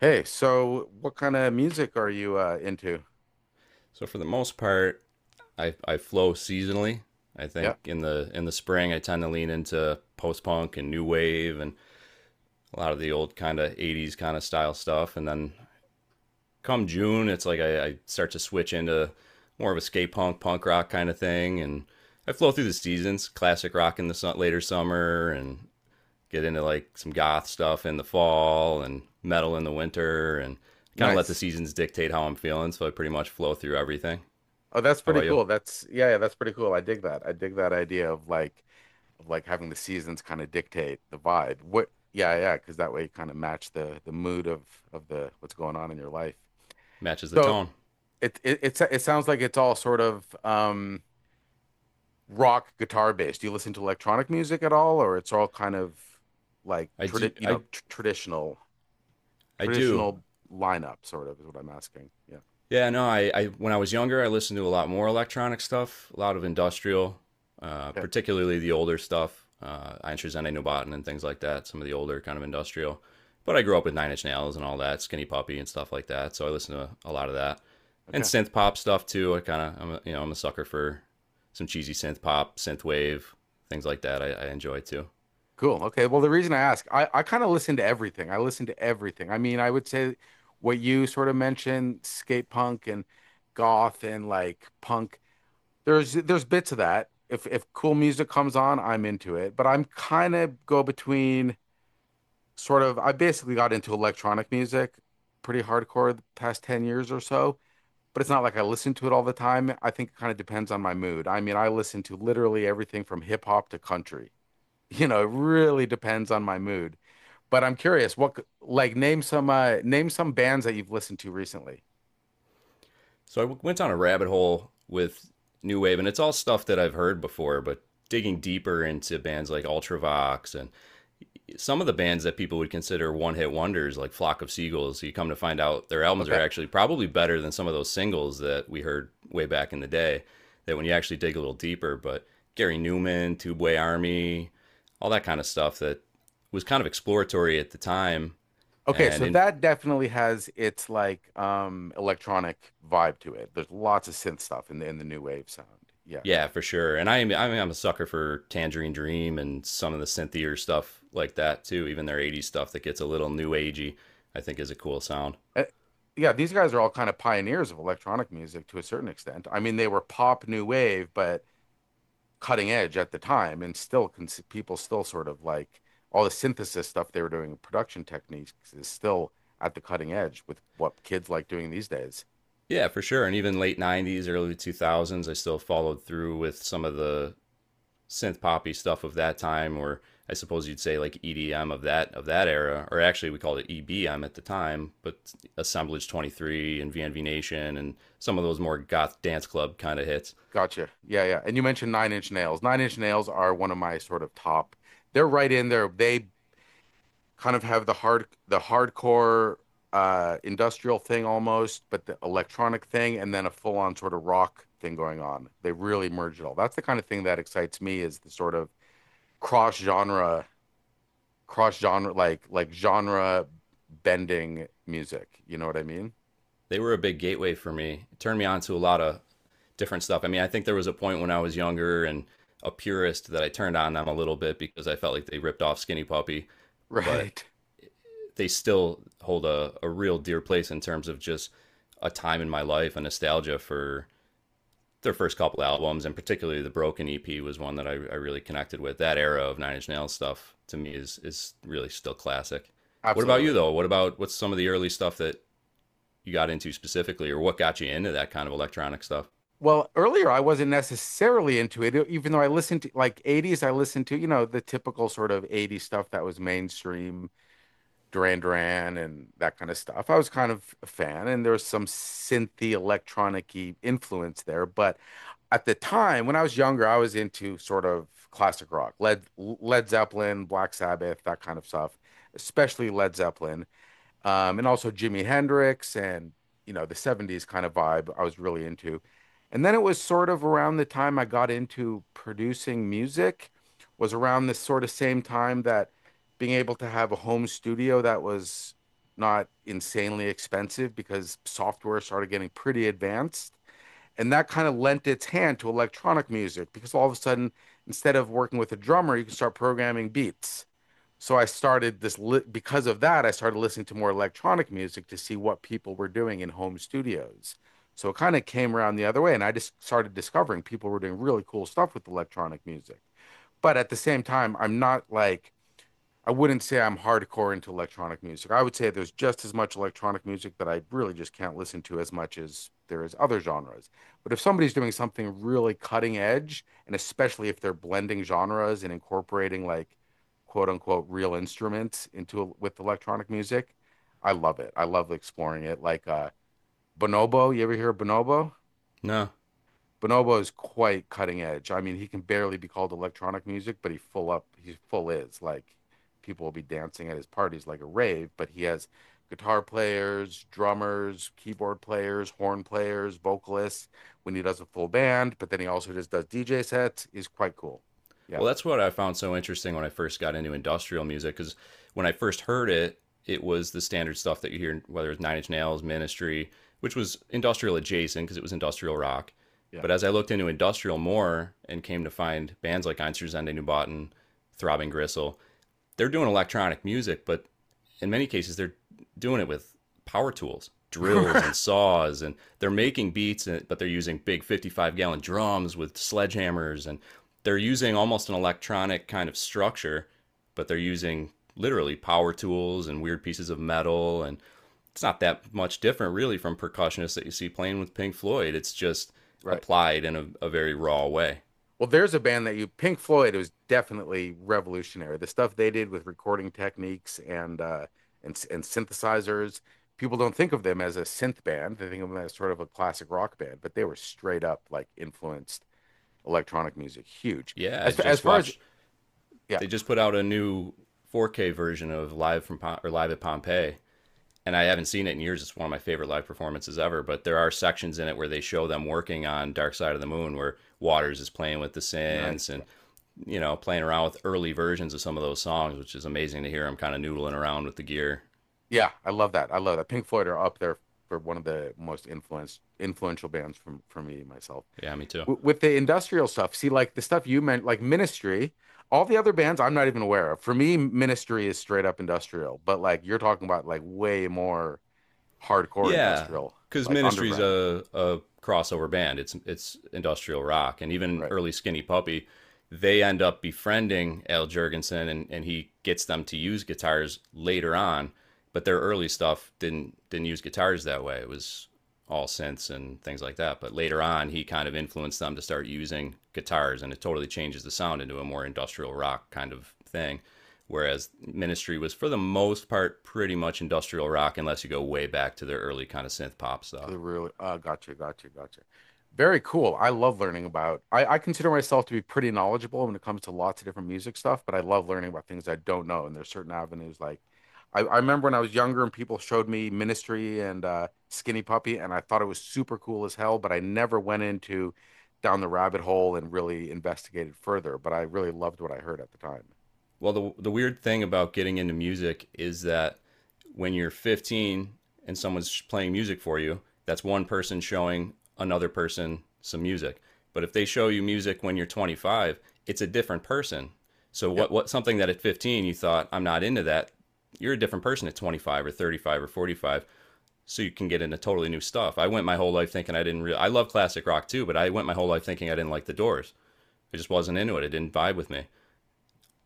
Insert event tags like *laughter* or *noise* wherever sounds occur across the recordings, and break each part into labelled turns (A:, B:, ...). A: Hey, so what kind of music are you into?
B: So for the most part, I flow seasonally. I
A: Yeah,
B: think in the spring I tend to lean into post punk and new wave, and a lot of the old kind of 80s kind of style stuff. And then come June it's like I start to switch into more of a skate punk punk rock kind of thing. And I flow through the seasons, classic rock in the later summer, and get into like some goth stuff in the fall and metal in the winter, and kind of let the
A: nice.
B: seasons dictate how I'm feeling, so I pretty much flow through everything.
A: Oh, that's
B: How
A: pretty
B: about you?
A: cool. That's pretty cool. I dig that. I dig that idea of like having the seasons kind of dictate the vibe. Because that way you kind of match the mood of the what's going on in your life.
B: Matches the
A: So
B: tone.
A: it sounds like it's all sort of rock guitar based. Do you listen to electronic music at all, or it's all kind of like
B: I do.
A: tradi you know
B: I
A: tr traditional
B: I do.
A: traditional lineup sort of is what I'm asking. Yeah.
B: Yeah. No. I when I was younger, I listened to a lot more electronic stuff, a lot of industrial,
A: Good.
B: particularly the older stuff, Einstein Nubaten and things like that. Some of the older kind of industrial. But I grew up with Nine Inch Nails and all that, Skinny Puppy and stuff like that. So I listened to a lot of that, and
A: Okay.
B: synth pop stuff too. I kind of, I'm a sucker for some cheesy synth pop, synth wave, things like that. I enjoy too.
A: Cool. Okay. Well, the reason I ask, I kind of listen to everything. I listen to everything. I mean, I would say what you sort of mentioned, skate punk and goth and like punk. There's bits of that. If cool music comes on, I'm into it. But I'm kind of go between sort of I basically got into electronic music pretty hardcore the past 10 years or so. But it's not like I listen to it all the time. I think it kind of depends on my mood. I mean, I listen to literally everything from hip hop to country. *laughs* It really depends on my mood. But I'm curious, what c- like name some bands that you've listened to recently.
B: So I went down a rabbit hole with new wave, and it's all stuff that I've heard before, but digging deeper into bands like Ultravox and some of the bands that people would consider one hit wonders, like Flock of Seagulls. You come to find out their albums are
A: Okay.
B: actually probably better than some of those singles that we heard way back in the day. That when you actually dig a little deeper, but Gary Newman, Tubeway Army, all that kind of stuff that was kind of exploratory at the time
A: Okay,
B: and
A: so
B: in,
A: that definitely has its like electronic vibe to it. There's lots of synth stuff in the new wave sound. Yeah, yeah.
B: yeah, for sure. And
A: Yeah.
B: I mean, I'm a sucker for Tangerine Dream and some of the synthier stuff like that too, even their 80s stuff that gets a little new agey, I think is a cool sound.
A: Uh, yeah, these guys are all kind of pioneers of electronic music to a certain extent. I mean, they were pop new wave, but cutting edge at the time and still cons people still sort of like all the synthesis stuff they were doing production techniques is still at the cutting edge with what kids like doing these days.
B: Yeah, for sure. And even late 90s, early 2000s, I still followed through with some of the synth poppy stuff of that time, or I suppose you'd say like EDM of that era, or actually we called it EBM at the time, but Assemblage 23 and VNV Nation and some of those more goth dance club kind of hits.
A: Gotcha. Yeah, yeah. And you mentioned Nine Inch Nails. Nine Inch Nails are one of my sort of top. They're right in there. They kind of have the hardcore industrial thing almost, but the electronic thing and then a full on sort of rock thing going on. They really merge it all. That's the kind of thing that excites me is the sort of cross genre cross genre like genre bending music. You know what I mean? *laughs*
B: They were a big gateway for me. It turned me on to a lot of different stuff. I mean, I think there was a point when I was younger and a purist that I turned on them a little bit, because I felt like they ripped off Skinny Puppy, but
A: Right.
B: they still hold a real dear place in terms of just a time in my life and nostalgia for their first couple albums, and particularly the broken EP was one that I really connected with. That era of Nine Inch Nails stuff to me is really still classic. What about you
A: Absolutely.
B: though? What about what's some of the early stuff that you got into specifically, or what got you into that kind of electronic stuff?
A: Well, earlier I wasn't necessarily into it, even though I listened to like 80's, I listened to, you know, the typical sort of 80's stuff that was mainstream. Duran Duran and that kind of stuff. I was kind of a fan, and there was some synthy electronic-y influence there. But at the time, when I was younger, I was into sort of classic rock, Led Zeppelin, Black Sabbath, that kind of stuff, especially Led Zeppelin and also Jimi Hendrix and you know the 70's kind of vibe I was really into. And then it was sort of around the time I got into producing music was around this sort of same time that being able to have a home studio that was not insanely expensive because software started getting pretty advanced. And that kind of lent its hand to electronic music because all of a sudden, instead of working with a drummer, you can start programming beats. So I started because of that, I started listening to more electronic music to see what people were doing in home studios. So it kind of came around the other way, and I just started discovering people were doing really cool stuff with electronic music. But at the same time, I'm not like I wouldn't say I'm hardcore into electronic music. I would say there's just as much electronic music that I really just can't listen to as much as there is other genres. But if somebody's doing something really cutting edge, and especially if they're blending genres and incorporating like quote unquote real instruments into with electronic music, I love it. I love exploring it. Like Bonobo, you ever hear of Bonobo?
B: No.
A: Bonobo is quite cutting edge. I mean, he can barely be called electronic music, but he full is. Like people will be dancing at his parties like a rave, but he has guitar players, drummers, keyboard players, horn players, vocalists when he does a full band, but then he also just does DJ sets. He's quite cool. Yeah.
B: Well, that's what I found so interesting when I first got into industrial music, because when I first heard it, it was the standard stuff that you hear, whether it's Nine Inch Nails, Ministry, which was industrial adjacent because it was industrial rock.
A: Yeah.
B: But as I looked into industrial more and came to find bands like Einstürzende Nubauten, Throbbing Gristle, they're doing electronic music, but in many cases they're doing it with power tools, drills and
A: *laughs*
B: saws, and they're making beats, eh, but they're using big 55 gallon drums with sledgehammers, and they're using almost an electronic kind of structure, but they're using literally power tools and weird pieces of metal, and it's not that much different really from percussionists that you see playing with Pink Floyd. It's just
A: Right.
B: applied in a very raw way.
A: Well, there's a band that Pink Floyd, was definitely revolutionary. The stuff they did with recording techniques and and synthesizers, people don't think of them as a synth band. They think of them as sort of a classic rock band, but they were straight up like influenced electronic music, huge.
B: Yeah, I
A: As
B: just
A: far as
B: watched
A: yeah,
B: they just put out a new 4K version of Live at Pompeii, and I haven't seen it in years. It's one of my favorite live performances ever. But there are sections in it where they show them working on Dark Side of the Moon, where Waters is playing with the
A: no,
B: synths and
A: yeah,
B: you know playing around with early versions of some of those songs, which is amazing to hear him kind of noodling around with the gear.
A: yeah, I love that. I love that. Pink Floyd are up there for one of the most influenced influential bands from for me myself.
B: Yeah, me too.
A: With the industrial stuff. See, like the stuff you meant, like Ministry, all the other bands I'm not even aware of. For me, Ministry is straight up industrial, but like you're talking about like way more hardcore
B: Yeah,
A: industrial,
B: because
A: like
B: Ministry's
A: underground,
B: a a crossover band. It's industrial rock, and even
A: right?
B: early Skinny Puppy, they end up befriending Al Jurgensen, and he gets them to use guitars later on. But their early stuff didn't use guitars that way. It was all synths and things like that. But later on, he kind of influenced them to start using guitars, and it totally changes the sound into a more industrial rock kind of thing. Whereas Ministry was for the most part pretty much industrial rock, unless you go way back to their early kind of synth pop
A: To
B: stuff.
A: the real. Gotcha. Very cool. I love learning about. I consider myself to be pretty knowledgeable when it comes to lots of different music stuff, but I love learning about things I don't know. And there's certain avenues like I remember when I was younger and people showed me Ministry and Skinny Puppy, and I thought it was super cool as hell, but I never went into down the rabbit hole and really investigated further. But I really loved what I heard at the time.
B: Well, the weird thing about getting into music is that when you're 15 and someone's playing music for you, that's one person showing another person some music. But if they show you music when you're 25, it's a different person. So
A: Yeah,
B: what something that at 15 you thought I'm not into that, you're a different person at 25 or 35 or 45, so you can get into totally new stuff. I went my whole life thinking I didn't really I love classic rock too, but I went my whole life thinking I didn't like the Doors. I just wasn't into it. It didn't vibe with me.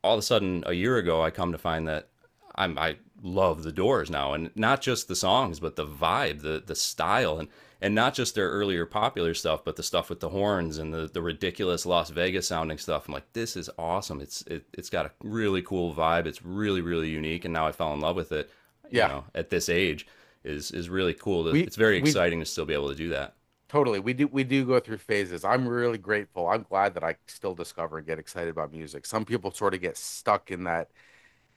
B: All of a sudden a year ago I come to find that I love the Doors now, and not just the songs but the vibe, the style, and not just their earlier popular stuff but the stuff with the horns and the ridiculous Las Vegas sounding stuff. I'm like, this is awesome. It's got a really cool vibe. It's really really unique, and now I fell in love with it,
A: yeah.
B: at this age is really cool it's very
A: We
B: exciting to still be able to do that.
A: Totally. We do go through phases. I'm really grateful. I'm glad that I still discover and get excited about music. Some people sort of get stuck in that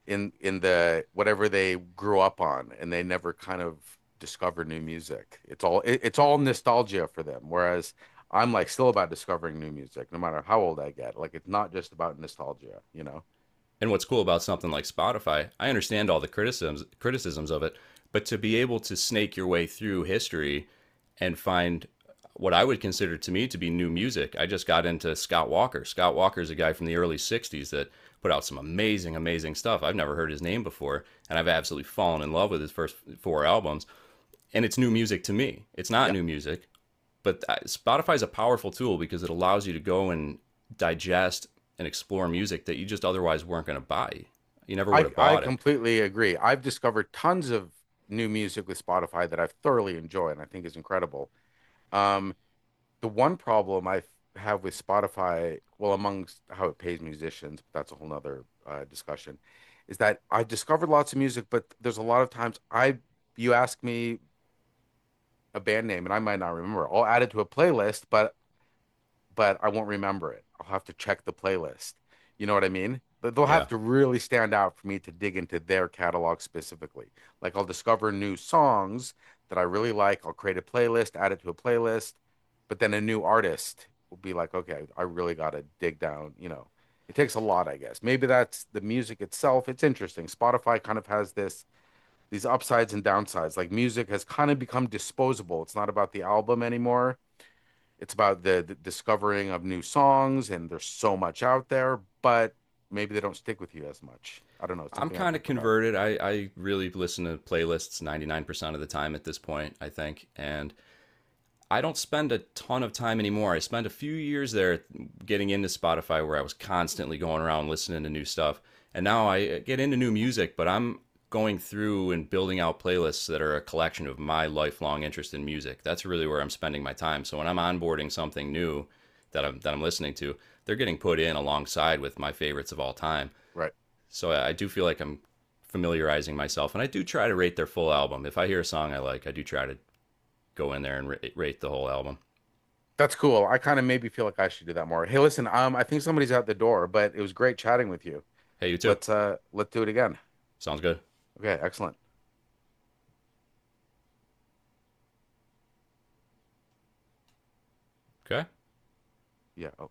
A: in the whatever they grew up on and they never kind of discover new music. It's all nostalgia for them. Whereas I'm like still about discovering new music no matter how old I get. Like it's not just about nostalgia, you know.
B: And what's cool about something like Spotify, I understand all the criticisms of it, but to be able to snake your way through history and find what I would consider to me to be new music. I just got into Scott Walker. Scott Walker is a guy from the early 60s that put out some amazing, amazing stuff. I've never heard his name before, and I've absolutely fallen in love with his first four albums. And it's new music to me. It's not
A: Yeah.
B: new music, but Spotify is a powerful tool because it allows you to go and digest and explore music that you just otherwise weren't going to buy. You never would
A: I
B: have
A: I
B: bought it.
A: completely agree. I've discovered tons of new music with Spotify that I've thoroughly enjoyed and I think is incredible. Um the one problem I have with Spotify, well, amongst how it pays musicians, but that's a whole nother discussion, is that I discovered lots of music, but there's a lot of you ask me a band name and I might not remember. I'll add it to a playlist, but I won't remember it. I'll have to check the playlist. You know what I mean? They'll have
B: Yeah.
A: to really stand out for me to dig into their catalog specifically. Like I'll discover new songs that I really like. I'll create a playlist, add it to a playlist, but then a new artist will be like, okay, I really gotta dig down, you know. It takes a lot, I guess. Maybe that's the music itself. It's interesting. Spotify kind of has this these upsides and downsides. Like music has kind of become disposable. It's not about the album anymore, it's about the discovering of new songs, and there's so much out there, but maybe they don't stick with you as much. I don't know. It's
B: I'm
A: something I
B: kind of
A: think about.
B: converted. I really listen to playlists 99% of the time at this point, I think. And I don't spend a ton of time anymore. I spent a few years there getting into Spotify where I was constantly going around listening to new stuff. And now I get into new music, but I'm going through and building out playlists that are a collection of my lifelong interest in music. That's really where I'm spending my time. So when I'm onboarding something new that I'm listening to, they're getting put in alongside with my favorites of all time.
A: Right.
B: So I do feel like I'm familiarizing myself, and I do try to rate their full album. If I hear a song I like, I do try to go in there and rate the whole album.
A: That's cool. I kind of maybe feel like I should do that more. Hey, listen, I think somebody's out the door, but it was great chatting with you.
B: Hey, you too.
A: Let's do it again.
B: Sounds good.
A: Okay, excellent.
B: Okay.
A: Yeah.